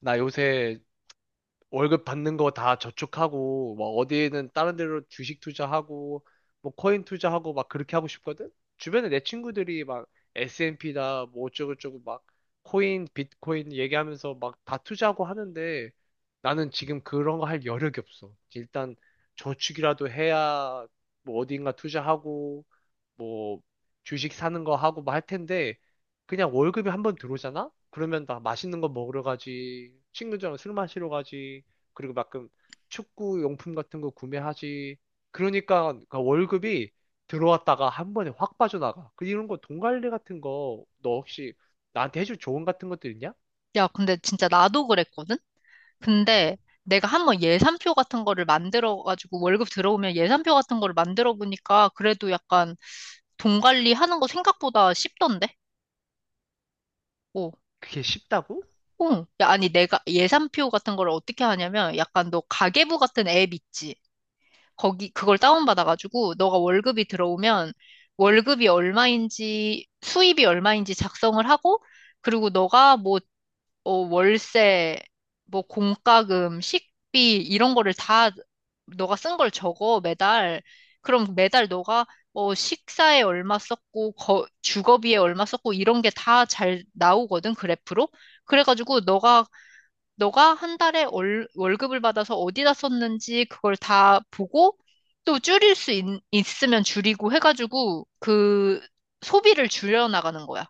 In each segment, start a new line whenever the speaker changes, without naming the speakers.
나 요새 월급 받는 거 다 저축하고, 뭐 어디에는 다른 데로 주식 투자하고, 뭐 코인 투자하고 막 그렇게 하고 싶거든? 주변에 내 친구들이 막 S&P다, 뭐 어쩌고저쩌고 막 코인, 비트코인 얘기하면서 막 다 투자하고 하는데 나는 지금 그런 거 할 여력이 없어. 일단 저축이라도 해야 뭐 어딘가 투자하고, 뭐 주식 사는 거 하고 뭐 할 텐데 그냥 월급이 한번 들어오잖아? 그러면 나 맛있는 거 먹으러 가지, 친구들이랑 술 마시러 가지, 그리고 가끔 축구 용품 같은 거 구매하지. 그러니까 그 월급이 들어왔다가 한 번에 확 빠져나가. 그 이런 거 돈 관리 같은 거 너 혹시 나한테 해줄 조언 같은 것도 있냐?
야, 근데 진짜 나도 그랬거든? 근데 내가 한번 예산표 같은 거를 만들어가지고 월급 들어오면 예산표 같은 거를 만들어 보니까 그래도 약간 돈 관리하는 거 생각보다 쉽던데? 어,
그게 쉽다고?
어. 야, 아니 내가 예산표 같은 거를 어떻게 하냐면 약간 너 가계부 같은 앱 있지? 거기 그걸 다운받아가지고 너가 월급이 들어오면 월급이 얼마인지 수입이 얼마인지 작성을 하고 그리고 너가 뭐 월세, 뭐 공과금, 식비 이런 거를 다 너가 쓴 걸 적어 매달. 그럼 매달 너가 식사에 얼마 썼고 주거비에 얼마 썼고 이런 게 다 잘 나오거든 그래프로. 그래가지고 너가 한 달에 월급을 받아서 어디다 썼는지 그걸 다 보고 또 줄일 수 있으면 줄이고 해가지고 그 소비를 줄여 나가는 거야.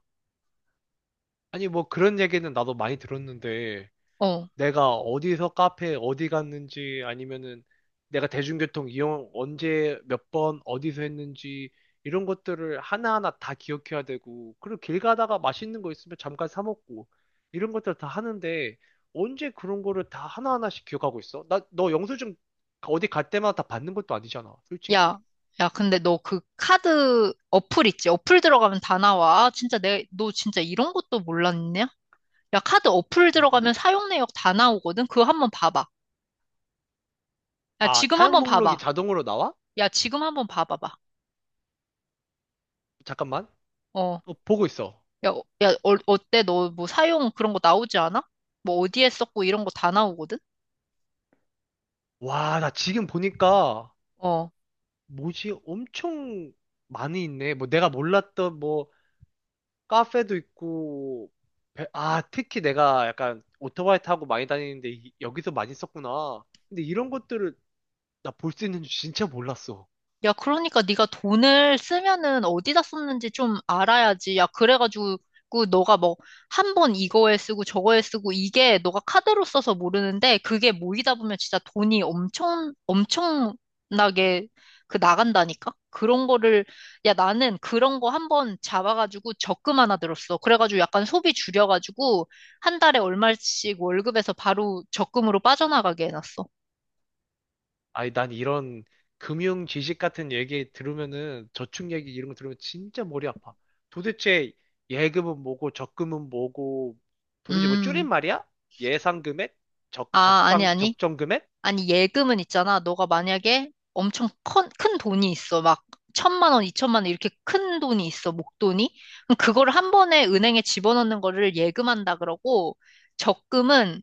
아니 뭐 그런 얘기는 나도 많이 들었는데
어.
내가 어디서 카페 어디 갔는지 아니면은 내가 대중교통 이용 언제 몇 번 어디서 했는지 이런 것들을 하나하나 다 기억해야 되고, 그리고 길 가다가 맛있는 거 있으면 잠깐 사 먹고 이런 것들 다 하는데 언제 그런 거를 다 하나하나씩 기억하고 있어? 나 너 영수증 어디 갈 때마다 다 받는 것도 아니잖아, 솔직히.
야, 야, 근데 너 그 카드 어플 있지? 어플 들어가면 다 나와. 아, 진짜 너 진짜 이런 것도 몰랐냐? 야, 카드 어플
전혀.
들어가면 사용 내역 다 나오거든? 그거 한번 봐봐. 야,
아,
지금
사용
한번
목록이
봐봐.
자동으로 나와?
야, 지금 한번 봐봐봐.
잠깐만.
어,
어, 보고 있어.
야, 어때? 너 뭐 사용 그런 거 나오지 않아? 뭐 어디에 썼고 이런 거 다 나오거든?
와, 나 지금 보니까
어.
뭐지? 엄청 많이 있네. 뭐 내가 몰랐던 뭐 카페도 있고, 아, 특히 내가 약간 오토바이 타고 많이 다니는데 여기서 많이 썼구나. 근데 이런 것들을 나 볼 수 있는 줄 진짜 몰랐어.
야, 그러니까 네가 돈을 쓰면은 어디다 썼는지 좀 알아야지. 야, 그래가지고 너가 뭐 한 번 이거에 쓰고 저거에 쓰고 이게 너가 카드로 써서 모르는데 그게 모이다 보면 진짜 돈이 엄청 엄청나게 그 나간다니까? 그런 거를 야, 나는 그런 거 한번 잡아가지고 적금 하나 들었어. 그래가지고 약간 소비 줄여가지고 한 달에 얼마씩 월급에서 바로 적금으로 빠져나가게 해놨어.
아니, 난 이런 금융 지식 같은 얘기 들으면은 저축 얘기 이런 거 들으면 진짜 머리 아파. 도대체 예금은 뭐고 적금은 뭐고 도대체 뭐
음.
줄임말이야? 예상 금액?
아, 아니, 아니.
적정 금액?
아니, 예금은 있잖아. 너가 만약에 엄청 큰 돈이 있어. 막, 1,000만 원, 2,000만 원, 이렇게 큰 돈이 있어. 목돈이. 그럼 그거를 한 번에 은행에 집어넣는 거를 예금한다 그러고, 적금은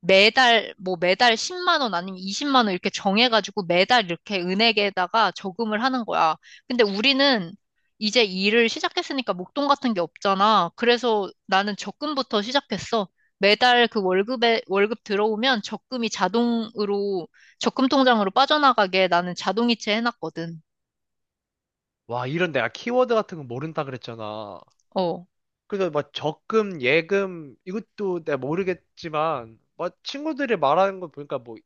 매달 10만 원 아니면 20만 원 이렇게 정해가지고 매달 이렇게 은행에다가 저금을 하는 거야. 근데 우리는 이제 일을 시작했으니까 목돈 같은 게 없잖아. 그래서 나는 적금부터 시작했어. 매달 그 월급 들어오면 적금이 자동으로 적금 통장으로 빠져나가게 나는 자동이체 해놨거든.
와, 이런 내가 키워드 같은 거 모른다 그랬잖아.
어.
그래서 막 적금, 예금, 이것도 내가 모르겠지만, 막 친구들이 말하는 거 보니까 뭐,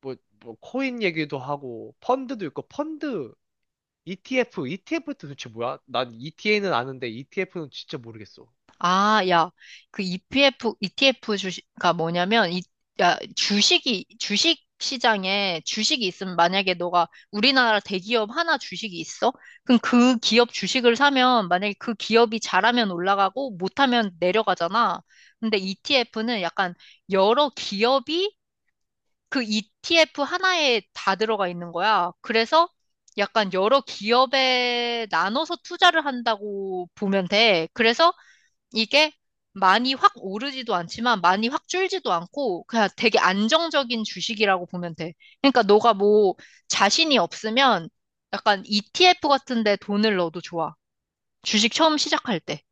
뭐, 코인 얘기도 하고, 펀드도 있고, 펀드, ETF, ETF도 도대체 뭐야? 난 ETA는 아는데 ETF는 진짜 모르겠어.
아, 야, 그 ETF 주식가 뭐냐면, 야, 주식 시장에 주식이 있으면 만약에 너가 우리나라 대기업 하나 주식이 있어? 그럼 그 기업 주식을 사면 만약에 그 기업이 잘하면 올라가고 못하면 내려가잖아. 근데 ETF는 약간 여러 기업이 그 ETF 하나에 다 들어가 있는 거야. 그래서 약간 여러 기업에 나눠서 투자를 한다고 보면 돼. 그래서 이게 많이 확 오르지도 않지만 많이 확 줄지도 않고 그냥 되게 안정적인 주식이라고 보면 돼. 그러니까 너가 뭐 자신이 없으면 약간 ETF 같은 데 돈을 넣어도 좋아. 주식 처음 시작할 때.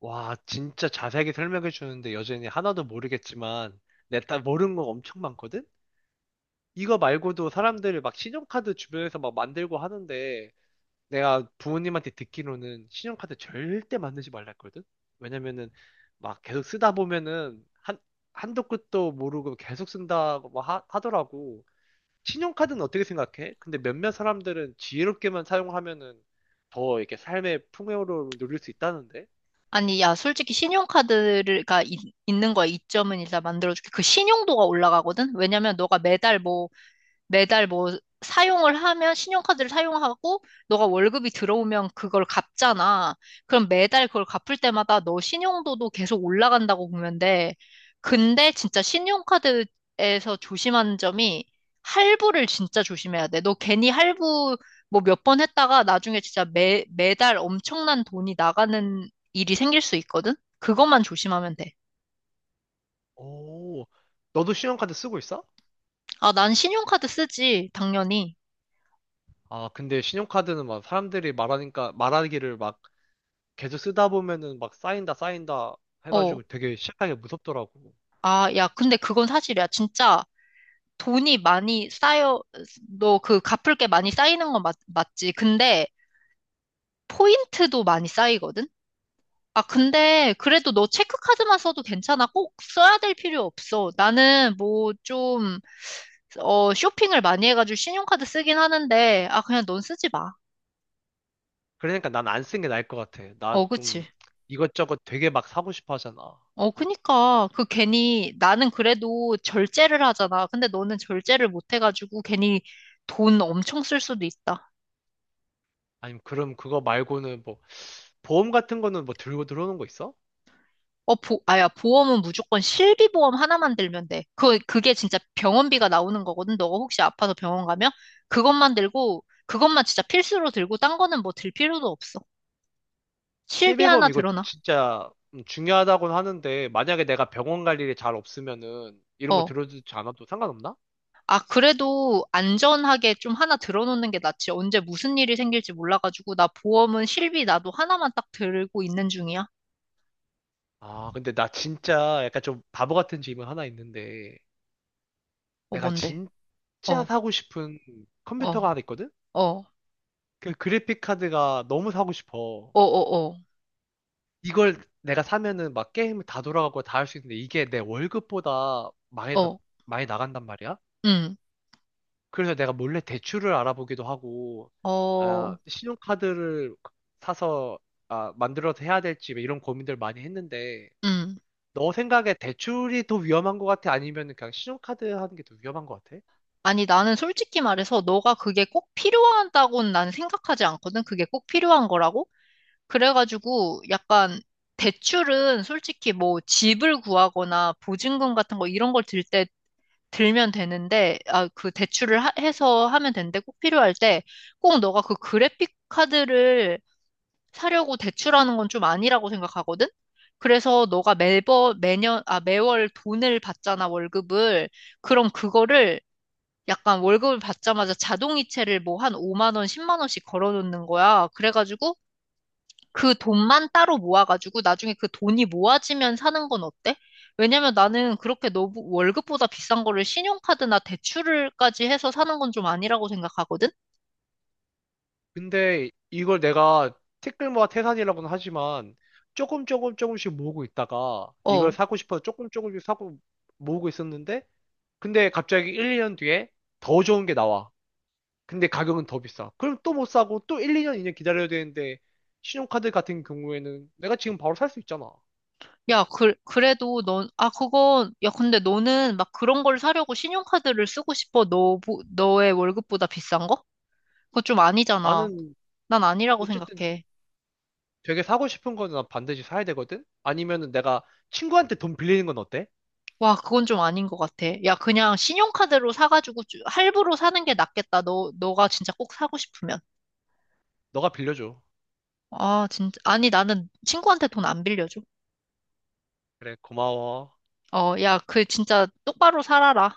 와, 진짜 자세하게 설명해 주는데 여전히 하나도 모르겠지만, 내가 모르는 거 엄청 많거든? 이거 말고도 사람들이 막 신용카드 주변에서 막 만들고 하는데, 내가 부모님한테 듣기로는 신용카드 절대 만들지 말라 했거든? 왜냐면은 막 계속 쓰다 보면은 한도 끝도 모르고 계속 쓴다고 막 하더라고. 신용카드는 어떻게 생각해? 근데 몇몇 사람들은 지혜롭게만 사용하면은 더 이렇게 삶의 풍요로움을 누릴 수 있다는데?
아니, 야, 솔직히 신용카드가 있는 거야. 이점은 일단 만들어줄게. 그 신용도가 올라가거든? 왜냐면 너가 매달 사용을 하면 신용카드를 사용하고 너가 월급이 들어오면 그걸 갚잖아. 그럼 매달 그걸 갚을 때마다 너 신용도도 계속 올라간다고 보면 돼. 근데 진짜 신용카드에서 조심하는 점이 할부를 진짜 조심해야 돼. 너 괜히 할부 뭐 몇 번 했다가 나중에 진짜 매달 엄청난 돈이 나가는 일이 생길 수 있거든? 그것만 조심하면 돼.
오, 너도 신용카드 쓰고 있어?
아, 난 신용카드 쓰지, 당연히.
아, 근데 신용카드는 막 사람들이 말하니까, 말하기를 막 계속 쓰다 보면은 막 쌓인다, 쌓인다
어.
해가지고 되게 시작하기가 무섭더라고.
아, 야, 근데 그건 사실이야. 진짜 돈이 많이 쌓여, 너 그 갚을 게 많이 쌓이는 건 맞지. 근데 포인트도 많이 쌓이거든? 아, 근데 그래도 너 체크카드만 써도 괜찮아. 꼭 써야 될 필요 없어. 나는 뭐 좀, 쇼핑을 많이 해가지고 신용카드 쓰긴 하는데, 아, 그냥 넌 쓰지 마.
그러니까 난 안 쓴 게 나을 것 같아. 나
어,
좀
그치.
이것저것 되게 막 사고 싶어 하잖아.
어, 그니까. 그 괜히, 나는 그래도 절제를 하잖아. 근데 너는 절제를 못 해가지고 괜히 돈 엄청 쓸 수도 있다.
아니면 그럼 그거 말고는 뭐 보험 같은 거는 뭐 들고 들어오는 거 있어?
보험은 무조건 실비보험 하나만 들면 돼. 그게 진짜 병원비가 나오는 거거든. 너가 혹시 아파서 병원 가면? 그것만 들고, 그것만 진짜 필수로 들고, 딴 거는 뭐 들 필요도 없어. 실비 하나
실비보험 이거
들어놔.
진짜 중요하다고는 하는데 만약에 내가 병원 갈 일이 잘 없으면은 이런 거
어.
들어주지 않아도 상관없나?
아, 그래도 안전하게 좀 하나 들어놓는 게 낫지. 언제 무슨 일이 생길지 몰라가지고, 나 보험은 실비 나도 하나만 딱 들고 있는 중이야.
아, 근데 나 진짜 약간 좀 바보 같은 질문 하나 있는데
어,
내가
뭔데?
진짜
어,
사고 싶은
어,
컴퓨터가 하나 있거든?
어,
그 그래픽 카드가 너무 사고 싶어.
어, 어, 어,
이걸 내가 사면은 막 게임을 다 돌아가고 다 할 수 있는데 이게 내 월급보다
어,
많이 나간단 말이야.
음,
그래서 내가 몰래 대출을 알아보기도 하고, 아,
어,
신용카드를 사서 아, 만들어서 해야 될지 뭐 이런 고민들 많이 했는데,
음.
너 생각에 대출이 더 위험한 것 같아? 아니면 그냥 신용카드 하는 게 더 위험한 것 같아?
아니, 나는 솔직히 말해서 너가 그게 꼭 필요하다고는 난 생각하지 않거든. 그게 꼭 필요한 거라고? 그래가지고 약간 대출은 솔직히 뭐 집을 구하거나 보증금 같은 거 이런 걸 들 때 들면 되는데, 아, 그 대출을 해서 하면 되는데 꼭 필요할 때 꼭 너가 그 그래픽 카드를 사려고 대출하는 건 좀 아니라고 생각하거든? 그래서 너가 매월 돈을 받잖아, 월급을. 그럼 그거를 약간 월급을 받자마자 자동이체를 뭐 한 5만 원, 10만 원씩 걸어놓는 거야. 그래가지고 그 돈만 따로 모아가지고 나중에 그 돈이 모아지면 사는 건 어때? 왜냐면 나는 그렇게 너무 월급보다 비싼 거를 신용카드나 대출을까지 해서 사는 건 좀 아니라고 생각하거든?
근데 이걸 내가 티끌모아 태산이라고는 하지만 조금 조금씩 모으고 있다가 이걸
어.
사고 싶어서 조금씩 사고 모으고 있었는데 근데 갑자기 1, 2년 뒤에 더 좋은 게 나와. 근데 가격은 더 비싸. 그럼 또 못 사고 또 2년 기다려야 되는데 신용카드 같은 경우에는 내가 지금 바로 살 수 있잖아.
야, 그래도 야, 근데 너는 막 그런 걸 사려고 신용카드를 쓰고 싶어? 너의 월급보다 비싼 거? 그거 좀 아니잖아.
나는
난 아니라고
어쨌든
생각해.
되게 사고 싶은 거는 난 반드시 사야 되거든? 아니면은 내가 친구한테 돈 빌리는 건 어때?
와, 그건 좀 아닌 것 같아. 야, 그냥 신용카드로 사가지고 할부로 사는 게 낫겠다. 너가 진짜 꼭 사고 싶으면.
너가 빌려줘.
아, 진짜. 아니, 나는 친구한테 돈 안 빌려줘.
그래, 고마워.
어, 야, 그 진짜 똑바로 살아라.